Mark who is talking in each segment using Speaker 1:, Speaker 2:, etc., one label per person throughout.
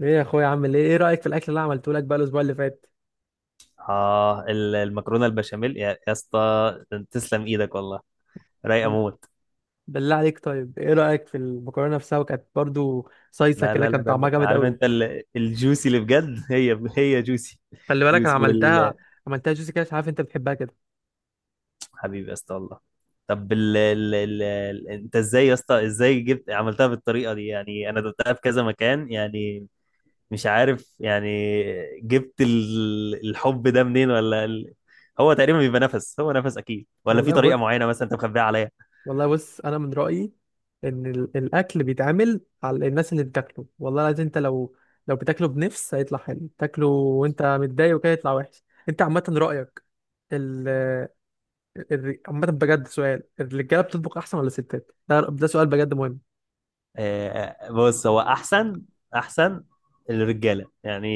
Speaker 1: ايه يا اخويا، عامل ايه رايك في الاكل اللي عملته لك بقى الاسبوع اللي فات؟
Speaker 2: المكرونه البشاميل يا اسطى. تسلم ايدك والله. رايقه موت.
Speaker 1: بالله عليك، طيب ايه رايك في المكرونه نفسها؟ وكانت برضو صيصه
Speaker 2: لا،
Speaker 1: كده،
Speaker 2: لا، لا،
Speaker 1: كان
Speaker 2: لا،
Speaker 1: طعمها
Speaker 2: لا.
Speaker 1: جامد
Speaker 2: عارف
Speaker 1: قوي.
Speaker 2: انت الجوسي اللي بجد، هي هي جوسي.
Speaker 1: خلي بالك انا
Speaker 2: جوسي
Speaker 1: عملتها عملتها جوسي كده، مش عارف انت بتحبها كده.
Speaker 2: حبيبي يا اسطى والله. طب انت ازاي يا اسطى، ازاي جبت، عملتها بالطريقه دي، يعني انا دوقتها في كذا مكان يعني. مش عارف يعني. جبت الحب ده منين، ولا هو تقريبا بيبقى نفس، هو نفس اكيد، ولا في
Speaker 1: والله
Speaker 2: طريقه
Speaker 1: بص
Speaker 2: معينه مثلا انت مخبيها عليا؟
Speaker 1: والله بص انا من رايي ان الاكل بيتعمل على الناس اللي بتاكله، والله العظيم. انت لو بتاكله بنفس هيطلع حلو، تاكله وانت متضايق وكده يطلع وحش. انت عامه رايك؟ ال عامه بجد سؤال، الرجاله بتطبخ احسن ولا الستات؟ ده سؤال بجد مهم.
Speaker 2: بص، هو احسن، احسن، الرجاله يعني.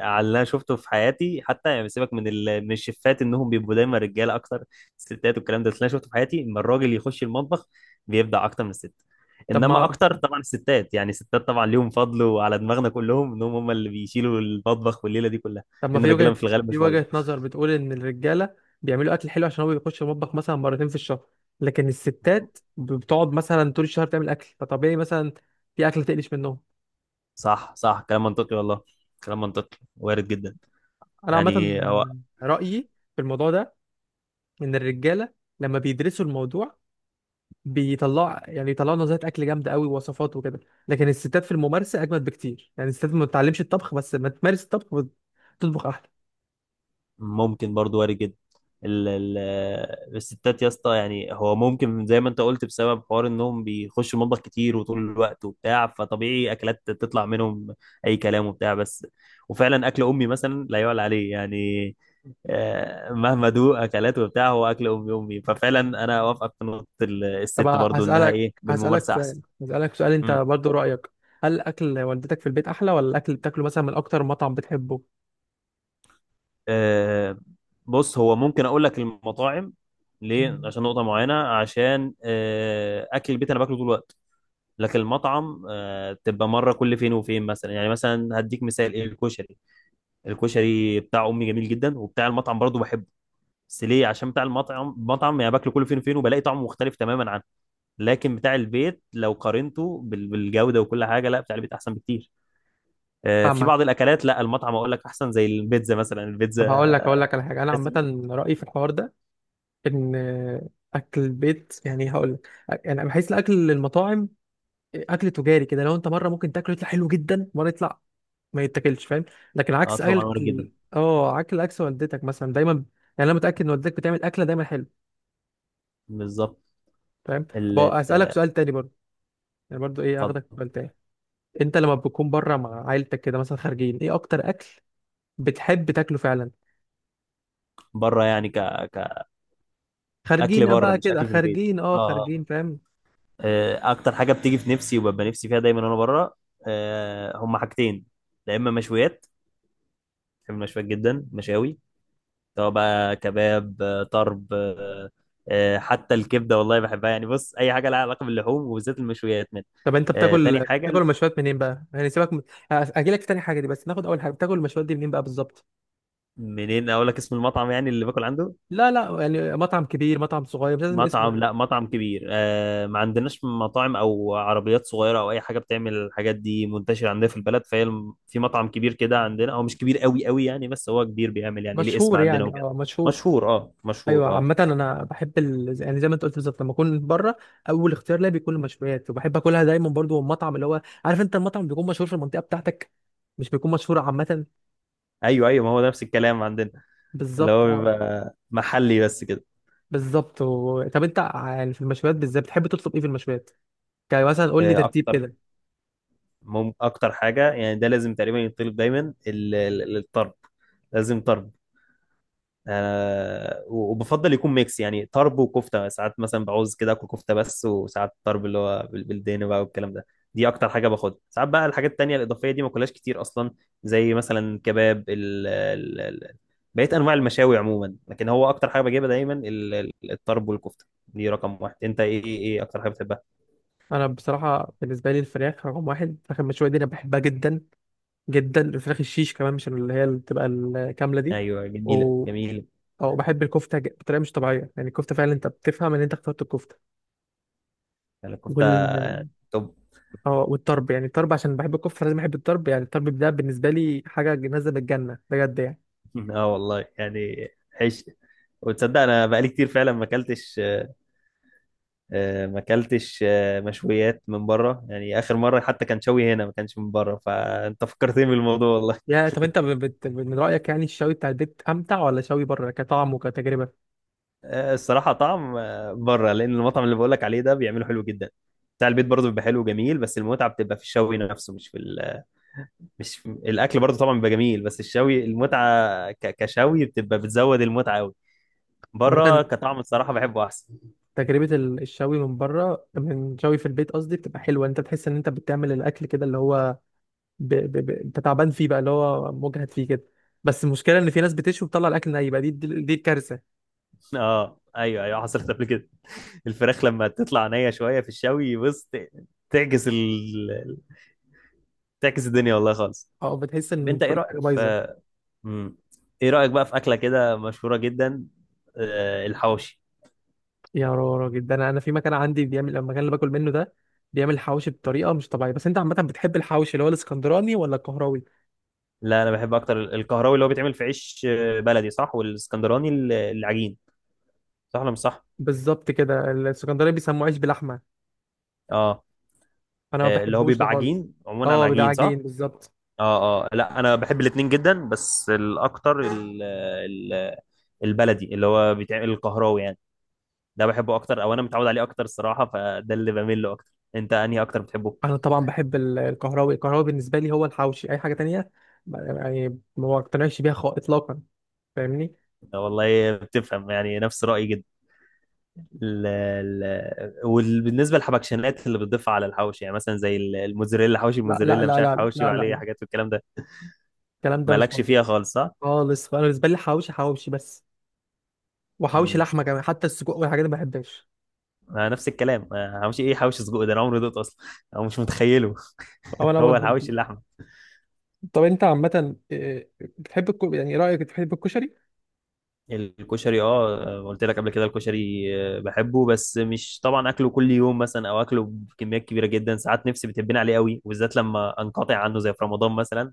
Speaker 2: على اللي انا شفته في حياتي، حتى يعني سيبك من الشيفات انهم بيبقوا دايما رجاله اكتر، الستات والكلام ده. بس اللي انا شفته في حياتي ان الراجل يخش المطبخ بيبدع اكتر من الست.
Speaker 1: طب
Speaker 2: انما
Speaker 1: ما
Speaker 2: اكتر طبعا الستات، يعني الستات طبعا ليهم فضل وعلى دماغنا كلهم، انهم هم اللي بيشيلوا المطبخ والليله دي كلها،
Speaker 1: طب ما
Speaker 2: لان
Speaker 1: في
Speaker 2: الرجاله
Speaker 1: وجهة
Speaker 2: في الغالب مش
Speaker 1: في
Speaker 2: فاضيه.
Speaker 1: وجهة نظر بتقول ان الرجالة بيعملوا اكل حلو عشان هو بيخش المطبخ مثلا مرتين في الشهر، لكن الستات بتقعد مثلا طول الشهر تعمل اكل، فطبيعي مثلا في اكل تقلش منهم.
Speaker 2: صح، صح، كلام منطقي والله. كلام منطقي وارد جدا،
Speaker 1: انا عامة
Speaker 2: يعني هو
Speaker 1: رأيي في الموضوع ده ان الرجالة لما بيدرسوا الموضوع بيطلعوا يعني يطلعوا نظريات اكل جامدة قوي ووصفات وكده، لكن الستات في الممارسة اجمد بكتير. يعني الستات ما بتتعلمش الطبخ، بس ما تمارس الطبخ بتطبخ احلى.
Speaker 2: ممكن برضو، وارد جدا. ال ال الستات يا اسطى، يعني هو ممكن زي ما انت قلت، بسبب حوار انهم بيخشوا المطبخ كتير وطول الوقت وبتاع، فطبيعي اكلات تطلع منهم، اي كلام وبتاع. بس وفعلا اكل امي مثلا لا يعلى عليه يعني. مهما دوق اكلات وبتاع، هو اكل امي، امي، ففعلا انا اوافقك في نقطه
Speaker 1: طب
Speaker 2: الست، برضو انها
Speaker 1: هسألك
Speaker 2: ايه
Speaker 1: هسألك
Speaker 2: بالممارسه
Speaker 1: سؤال
Speaker 2: احسن.
Speaker 1: هسألك سؤال انت برضو، رأيك هل اكل والدتك في البيت احلى ولا الاكل اللي بتاكله مثلا من اكتر مطعم بتحبه؟
Speaker 2: آه، بص، هو ممكن اقول لك المطاعم ليه،
Speaker 1: مم.
Speaker 2: عشان نقطه معينه، عشان اكل البيت انا باكله طول الوقت، لكن المطعم تبقى مره كل فين وفين، مثلا يعني مثلا هديك مثال، ايه، الكشري. الكشري بتاع امي جميل جدا، وبتاع المطعم برضه بحبه. بس ليه، عشان بتاع المطعم مطعم يعني، باكله كل فين وفين وبلاقي طعمه مختلف تماما عنه. لكن بتاع البيت لو قارنته بالجوده وكل حاجه، لا بتاع البيت احسن بكتير. في
Speaker 1: فاهمك.
Speaker 2: بعض الاكلات لا، المطعم اقول لك احسن، زي البيتزا مثلا،
Speaker 1: طب
Speaker 2: البيتزا
Speaker 1: هقول لك على حاجه، انا
Speaker 2: بحس.
Speaker 1: عامه رايي في الحوار ده ان اكل البيت، يعني هقول لك، يعني بحس الاكل المطاعم اكل تجاري كده، لو انت مره ممكن تاكله يطلع حلو جدا، مره يطلع ما يتاكلش، فاهم؟ لكن
Speaker 2: اه،
Speaker 1: عكس
Speaker 2: طبعا وارد جدا.
Speaker 1: اكل اه اكل عكس والدتك مثلا دايما. يعني انا متاكد ان والدتك بتعمل اكله دايما حلو،
Speaker 2: بالظبط.
Speaker 1: فاهم؟ طب
Speaker 2: ال-
Speaker 1: اسالك
Speaker 2: ال-
Speaker 1: سؤال تاني برضه، يعني برضه ايه اخدك في
Speaker 2: اتفضل.
Speaker 1: سؤال تاني. انت لما بتكون بره مع عيلتك كده مثلا خارجين، ايه اكتر اكل بتحب تاكله فعلا؟
Speaker 2: بره يعني، كأكل
Speaker 1: خارجين اه
Speaker 2: بره
Speaker 1: بقى
Speaker 2: مش
Speaker 1: كده
Speaker 2: أكل في البيت.
Speaker 1: خارجين اه
Speaker 2: اه،
Speaker 1: خارجين فاهم.
Speaker 2: أكتر حاجة بتيجي في نفسي وببقى نفسي فيها دايما وأنا بره، هما حاجتين. يا إما مشويات، بحب المشويات جدا، مشاوي، سواء بقى كباب، طرب، حتى الكبدة والله بحبها يعني. بص، أي حاجة لها علاقة باللحوم وبالذات المشويات من،
Speaker 1: طب انت بتاكل
Speaker 2: تاني
Speaker 1: بتاكل
Speaker 2: حاجة.
Speaker 1: المشويات منين بقى؟ يعني سيبك من... اجي لك في تاني حاجه دي، بس ناخد اول حاجه، بتاكل المشويات دي منين بقى بالظبط؟
Speaker 2: منين أقول لك اسم المطعم يعني اللي باكل عنده؟
Speaker 1: لا لا، يعني مطعم كبير مطعم صغير، مش لازم اسمه
Speaker 2: مطعم،
Speaker 1: يعني.
Speaker 2: لا مطعم كبير. ما عندناش مطاعم او عربيات صغيره او اي حاجه بتعمل الحاجات دي منتشره عندنا في البلد، فهي في مطعم كبير كده عندنا، هو مش كبير قوي قوي يعني، بس هو كبير، بيعمل يعني ليه اسم
Speaker 1: مشهور
Speaker 2: عندنا
Speaker 1: يعني
Speaker 2: وكده.
Speaker 1: مشهور.
Speaker 2: مشهور، اه
Speaker 1: ايوه.
Speaker 2: مشهور اه.
Speaker 1: عامه انا بحب يعني زي ما انت قلت بالظبط، لما اكون بره اول اختيار ليا بيكون المشويات، وبحب اكلها دايما برضو من مطعم، اللي هو عارف انت المطعم بيكون مشهور في المنطقه بتاعتك، مش بيكون مشهور عامه.
Speaker 2: ايوه، ايوه، ما هو ده نفس الكلام عندنا، اللي
Speaker 1: بالظبط
Speaker 2: هو
Speaker 1: اه
Speaker 2: بيبقى محلي بس كده.
Speaker 1: بالظبط طب انت يعني في المشويات بالذات بتحب تطلب ايه في المشويات؟ يعني مثلا قول لي ترتيب
Speaker 2: اكتر.
Speaker 1: كده.
Speaker 2: اكتر حاجه يعني، ده لازم تقريبا يطلب دايما الطرب. لازم طرب. وبفضل يكون ميكس، يعني طرب وكفته، ساعات مثلا بعوز كده اكل كفته بس، وساعات طرب اللي هو بالدهن بقى والكلام ده. دي اكتر حاجه باخدها. ساعات بقى الحاجات التانيه الاضافيه دي ما كلهاش كتير اصلا، زي مثلا كباب، ال ال ال بقيت انواع المشاوي عموما. لكن هو اكتر حاجه بجيبها دايما الطرب والكفته، دي رقم واحد. انت ايه ايه إيه اكتر حاجه بتحبها؟
Speaker 1: انا بصراحه بالنسبه لي الفراخ رقم واحد، الفراخ المشويه دي انا بحبها جدا جدا. الفراخ الشيش كمان، مش اللي بتبقى الكامله دي.
Speaker 2: ايوه،
Speaker 1: و...
Speaker 2: جميله جميله.
Speaker 1: او بحب الكفته بطريقه مش طبيعيه، يعني الكفته فعلا انت بتفهم ان انت اخترت الكفته.
Speaker 2: يعني الكفته
Speaker 1: وال
Speaker 2: توب.
Speaker 1: اه والطرب يعني الطرب عشان بحب الكفته لازم احب الطرب، يعني الطرب ده بالنسبه لي حاجه نازله من الجنه بجد يعني.
Speaker 2: اه والله يعني. عيش. وتصدق انا بقالي كتير فعلا ما اكلتش، ما اكلتش مشويات من بره، يعني اخر مره حتى كان شوي هنا ما كانش من بره، فانت فكرتني بالموضوع والله.
Speaker 1: يا، طب انت من رايك يعني الشوي بتاع البيت امتع ولا شوي بره كطعم وكتجربه؟
Speaker 2: الصراحه طعم بره، لان المطعم اللي بقولك عليه ده بيعمله حلو جدا. بتاع البيت برضه بيبقى حلو وجميل، بس المتعه بتبقى في الشوي نفسه، مش الاكل برضه طبعا بيبقى جميل، بس الشوي، المتعه كشوي بتبقى بتزود المتعه قوي.
Speaker 1: عامه
Speaker 2: بره كطعم، الصراحه بحبه احسن.
Speaker 1: تجربة الشوي من بره، من شوي في البيت قصدي، بتبقى حلوة. انت بتحس ان انت بتعمل الاكل كده، اللي هو انت تعبان فيه بقى، اللي هو مجهد فيه كده. بس المشكلة ان في ناس بتشوي وبتطلع الاكل ني بقى، دي الكارثة.
Speaker 2: اه، ايوه، ايوه، حصلت قبل كده. الفراخ لما تطلع نيه شويه في الشوي، بص تعجز، تعكس الدنيا والله خالص.
Speaker 1: اه، بتحس
Speaker 2: طب،
Speaker 1: ان
Speaker 2: انت ايه
Speaker 1: كل
Speaker 2: رايك
Speaker 1: حاجة بايظة.
Speaker 2: في مم. ايه رايك بقى في اكله كده مشهوره جدا، الحواوشي.
Speaker 1: يا راجل، ده انا في مكان عندي، بيعمل المكان اللي باكل منه ده بيعمل حواوشي بطريقة مش طبيعية. بس انت عامة بتحب الحواوشي اللي هو الاسكندراني ولا القهراوي؟
Speaker 2: لا، انا بحب اكتر الكهراوي، اللي هو بيتعمل في عيش بلدي، صح، والاسكندراني العجين. صح ولا مش صح؟
Speaker 1: بالظبط كده، الاسكندراني بيسموه عيش بلحمة.
Speaker 2: اه،
Speaker 1: انا ما
Speaker 2: اللي هو
Speaker 1: بحبوش ده
Speaker 2: بيبقى
Speaker 1: خالص.
Speaker 2: عجين عموما، عن
Speaker 1: اه بيبقى
Speaker 2: عجين صح.
Speaker 1: عجين بالظبط.
Speaker 2: اه، اه، لا، انا بحب الاتنين جدا، بس الاكتر البلدي، اللي هو بيتعمل الكهراوي يعني، ده بحبه اكتر، او انا متعود عليه اكتر الصراحه، فده اللي بميل له اكتر. انت انهي اكتر بتحبه؟
Speaker 1: انا طبعا بحب الكهراوي بالنسبه لي هو الحوشي، اي حاجه تانية يعني ما اقتنعش بيها اطلاقا، فاهمني؟
Speaker 2: والله بتفهم، يعني نفس رايي جدا. ال ال وبالنسبه للحبكشنات اللي بتضيفها على الحواوشي، يعني مثلا زي الموزاريلا، حواوشي
Speaker 1: لا، لا،
Speaker 2: الموزاريلا، مش
Speaker 1: لا،
Speaker 2: عارف،
Speaker 1: لا، لا،
Speaker 2: حواوشي
Speaker 1: لا، لا،
Speaker 2: عليه
Speaker 1: لا.
Speaker 2: حاجات والكلام ده.
Speaker 1: الكلام ده مش
Speaker 2: مالكش
Speaker 1: موجود
Speaker 2: فيها خالص، صح؟
Speaker 1: خالص. فانا بالنسبه لي حوشي حوشي بس، وحوشي
Speaker 2: مم.
Speaker 1: لحمه كمان. حتى السجق والحاجات دي ما بحبهاش.
Speaker 2: نفس الكلام، حواوشي ايه؟ حواوشي سجق ده انا عمري دوت اصلا، او مش متخيله.
Speaker 1: او انا
Speaker 2: هو
Speaker 1: برضه.
Speaker 2: الحواوشي اللحمه.
Speaker 1: طب انت عامه إيه، بتحب يعني رايك بتحب الكشري؟
Speaker 2: الكشري، اه، قلت لك قبل كده الكشري. بحبه، بس مش طبعا اكله كل يوم مثلا او اكله بكميات كبيره جدا. ساعات نفسي بتبين عليه قوي، وبالذات لما انقطع عنه زي في رمضان مثلا،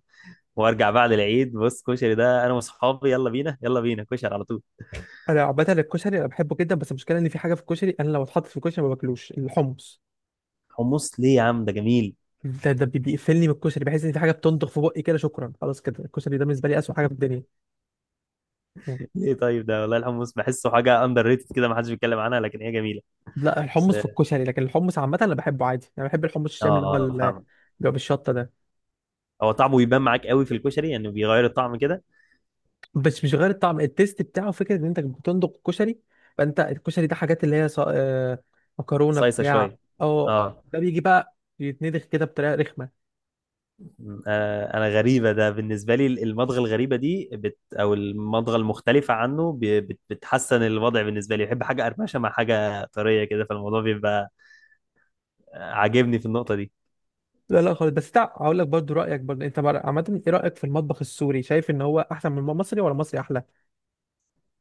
Speaker 2: وارجع بعد العيد، بص كشري، ده انا واصحابي يلا بينا يلا بينا كشري على طول.
Speaker 1: انا عامه الكشري انا بحبه جدا، بس المشكله ان في حاجه في الكشري انا لو اتحط في الكشري ما باكلوش، الحمص.
Speaker 2: حمص ليه يا عم؟ ده جميل.
Speaker 1: ده بيقفلني من الكشري، بحس ان في حاجه بتنضغ في بقي كده، شكرا خلاص كده الكشري ده بالنسبه لي اسوء حاجه في الدنيا.
Speaker 2: ليه طيب؟ ده والله الحمص بحسه حاجه اندر ريتد كده، ما حدش بيتكلم عنها، لكن هي جميله.
Speaker 1: لا،
Speaker 2: بس
Speaker 1: الحمص في
Speaker 2: اه،
Speaker 1: الكشري، لكن الحمص عامة أنا بحبه عادي. أنا بحب الحمص
Speaker 2: اه،
Speaker 1: الشامي اللي هو ال- اللي
Speaker 2: فاهمك.
Speaker 1: هو بالشطة ده.
Speaker 2: هو طعمه بيبان معاك قوي في الكشري، يعني بيغير الطعم كده.
Speaker 1: بس مش غير الطعم، التيست بتاعه، فكرة إن أنت بتندق الكشري، فأنت الكشري ده حاجات اللي هي ص... آه، مكرونة
Speaker 2: صيصه
Speaker 1: بتاع.
Speaker 2: شويه.
Speaker 1: أه.
Speaker 2: اه،
Speaker 1: ده بيجي بقى يتندخ كده بطريقة رخمة.
Speaker 2: انا غريبه، ده بالنسبه لي المضغه الغريبه دي او المضغه المختلفه عنه بتحسن الوضع بالنسبه لي، بحب حاجه قرمشه مع حاجه طريه كده، فالموضوع بيبقى عاجبني في النقطه دي.
Speaker 1: لا لا خالص. بس هقول لك برضو رأيك، برضو أنت عامة إيه رأيك في المطبخ السوري؟ شايف إن هو أحسن من المصري ولا المصري أحلى؟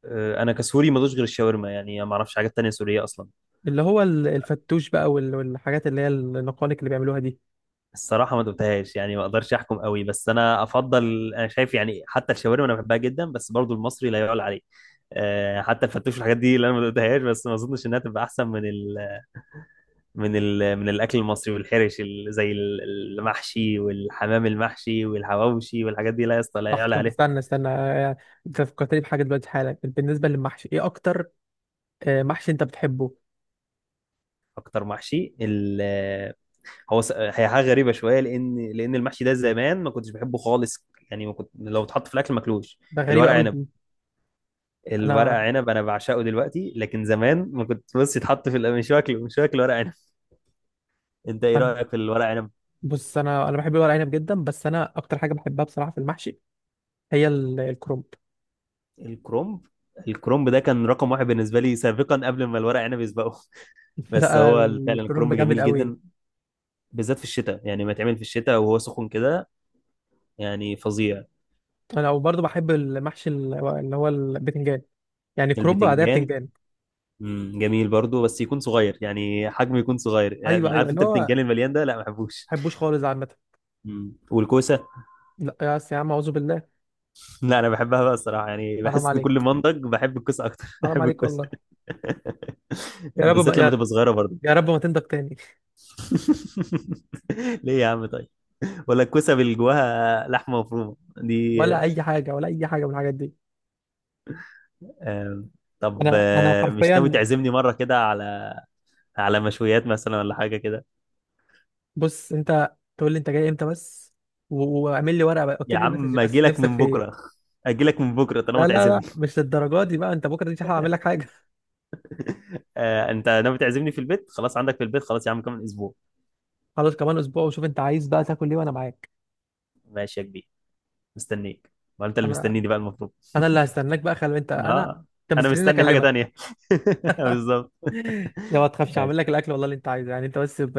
Speaker 2: انا كسوري ما دوش غير الشاورما، يعني ما اعرفش حاجات تانية سورية اصلا.
Speaker 1: اللي هو الفتوش بقى، والحاجات اللي هي النقانق اللي بيعملوها دي.
Speaker 2: الصراحة ما دوتهاش، يعني ما اقدرش احكم قوي، بس انا افضل، انا شايف يعني حتى الشاورما انا بحبها جدا، بس برضو المصري لا يعلى عليه. حتى الفتوش والحاجات دي اللي انا ما دوتهاش، بس ما اظنش انها تبقى احسن من الاكل المصري والحرش، زي المحشي والحمام المحشي والحواوشي والحاجات دي، لا يا اسطى، لا
Speaker 1: صح.
Speaker 2: يعلى
Speaker 1: طب
Speaker 2: عليه.
Speaker 1: استنى استنى، انت فكرتني بحاجه دلوقتي حالا، بالنسبه للمحشي ايه اكتر محشي انت بتحبه؟
Speaker 2: اكتر محشي؟ هي حاجه غريبه شويه، لان المحشي ده زمان ما كنتش بحبه خالص، يعني ما كنت لو اتحط في الاكل ماكلوش.
Speaker 1: ده غريبه
Speaker 2: الورق
Speaker 1: قوي
Speaker 2: عنب،
Speaker 1: دي.
Speaker 2: الورق
Speaker 1: انا
Speaker 2: عنب انا بعشقه دلوقتي، لكن زمان ما كنت، بص يتحط في مش واكل ورق عنب. انت ايه
Speaker 1: أنا-
Speaker 2: رايك في الورق عنب؟
Speaker 1: بص انا بحب الورق عنب جدا، بس انا اكتر حاجه بحبها بصراحه في المحشي هي الكرنب.
Speaker 2: الكرومب، الكرومب ده كان رقم واحد بالنسبه لي سابقا، قبل ما الورق عنب يسبقه. بس
Speaker 1: لا،
Speaker 2: هو فعلا
Speaker 1: الكرنب
Speaker 2: الكرومب
Speaker 1: جامد
Speaker 2: جميل
Speaker 1: قوي.
Speaker 2: جدا، بالذات في الشتاء، يعني ما يتعمل في الشتاء وهو سخن كده، يعني فظيع.
Speaker 1: انا وبرضه بحب المحشي اللي هو البتنجان، يعني كرنب بعدها
Speaker 2: البتنجان،
Speaker 1: بتنجان.
Speaker 2: جميل برضو، بس يكون صغير، يعني حجمه يكون صغير،
Speaker 1: ايوه
Speaker 2: يعني
Speaker 1: ايوه،
Speaker 2: عارف
Speaker 1: اللي
Speaker 2: انت
Speaker 1: هو ما
Speaker 2: البتنجان المليان ده، لا ما بحبوش.
Speaker 1: بحبوش خالص عامه.
Speaker 2: والكوسه؟
Speaker 1: لا يا يا عم اعوذ بالله.
Speaker 2: لا، انا بحبها بقى الصراحه، يعني
Speaker 1: حرام
Speaker 2: بحس ان كل
Speaker 1: عليك،
Speaker 2: ما انضج بحب الكوسه اكتر.
Speaker 1: حرام
Speaker 2: بحب
Speaker 1: عليك والله.
Speaker 2: الكوسه.
Speaker 1: يا رب ما
Speaker 2: بالذات لما
Speaker 1: يا,
Speaker 2: تبقى صغيره برضو.
Speaker 1: يا رب ما تنضج تاني.
Speaker 2: ليه يا عم؟ طيب، ولا الكوسه اللي جواها لحمه مفرومه دي؟
Speaker 1: ولا اي حاجه، ولا اي حاجه من الحاجات دي.
Speaker 2: آم، طب،
Speaker 1: انا
Speaker 2: مش ناوي
Speaker 1: حرفيا،
Speaker 2: تعزمني مره كده على، مشويات مثلا ولا حاجه كده؟
Speaker 1: بص انت تقول لي انت جاي امتى بس، واعمل لي ورقه بقى،
Speaker 2: يا
Speaker 1: اكتب لي مسج
Speaker 2: عم اجي
Speaker 1: بس
Speaker 2: لك
Speaker 1: نفسك
Speaker 2: من
Speaker 1: في
Speaker 2: بكره،
Speaker 1: ايه.
Speaker 2: اجي لك من بكره طالما
Speaker 1: لا لا لا،
Speaker 2: تعزمني.
Speaker 1: مش للدرجه دي بقى، انت بكره دي اعمل لك حاجه.
Speaker 2: انت ناوي تعزمني في البيت خلاص، عندك في البيت، خلاص يا عم، كمان اسبوع.
Speaker 1: خلاص كمان اسبوع، وشوف انت عايز بقى تاكل ايه وانا معاك.
Speaker 2: ماشي يا كبير، مستنيك. ما انت اللي
Speaker 1: انا
Speaker 2: مستنيني بقى المفروض.
Speaker 1: انا اللي هستناك بقى، خلي انت انا،
Speaker 2: اه،
Speaker 1: انت
Speaker 2: انا
Speaker 1: مستنيني
Speaker 2: مستني حاجه
Speaker 1: اكلمك.
Speaker 2: تانية. بالظبط.
Speaker 1: لو ما تخافش هعمل
Speaker 2: ماشي.
Speaker 1: لك الاكل والله اللي انت عايزه، يعني انت بس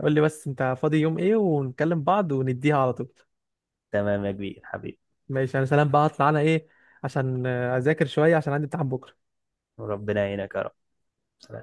Speaker 1: قول لي بس انت فاضي يوم ايه، ونكلم بعض ونديها على طول.
Speaker 2: تمام يا كبير حبيبي.
Speaker 1: ماشي. انا سلام بقى، هطلع انا ايه عشان اذاكر شويه عشان عندي امتحان بكره.
Speaker 2: وربنا يعينك يا رب. سلام.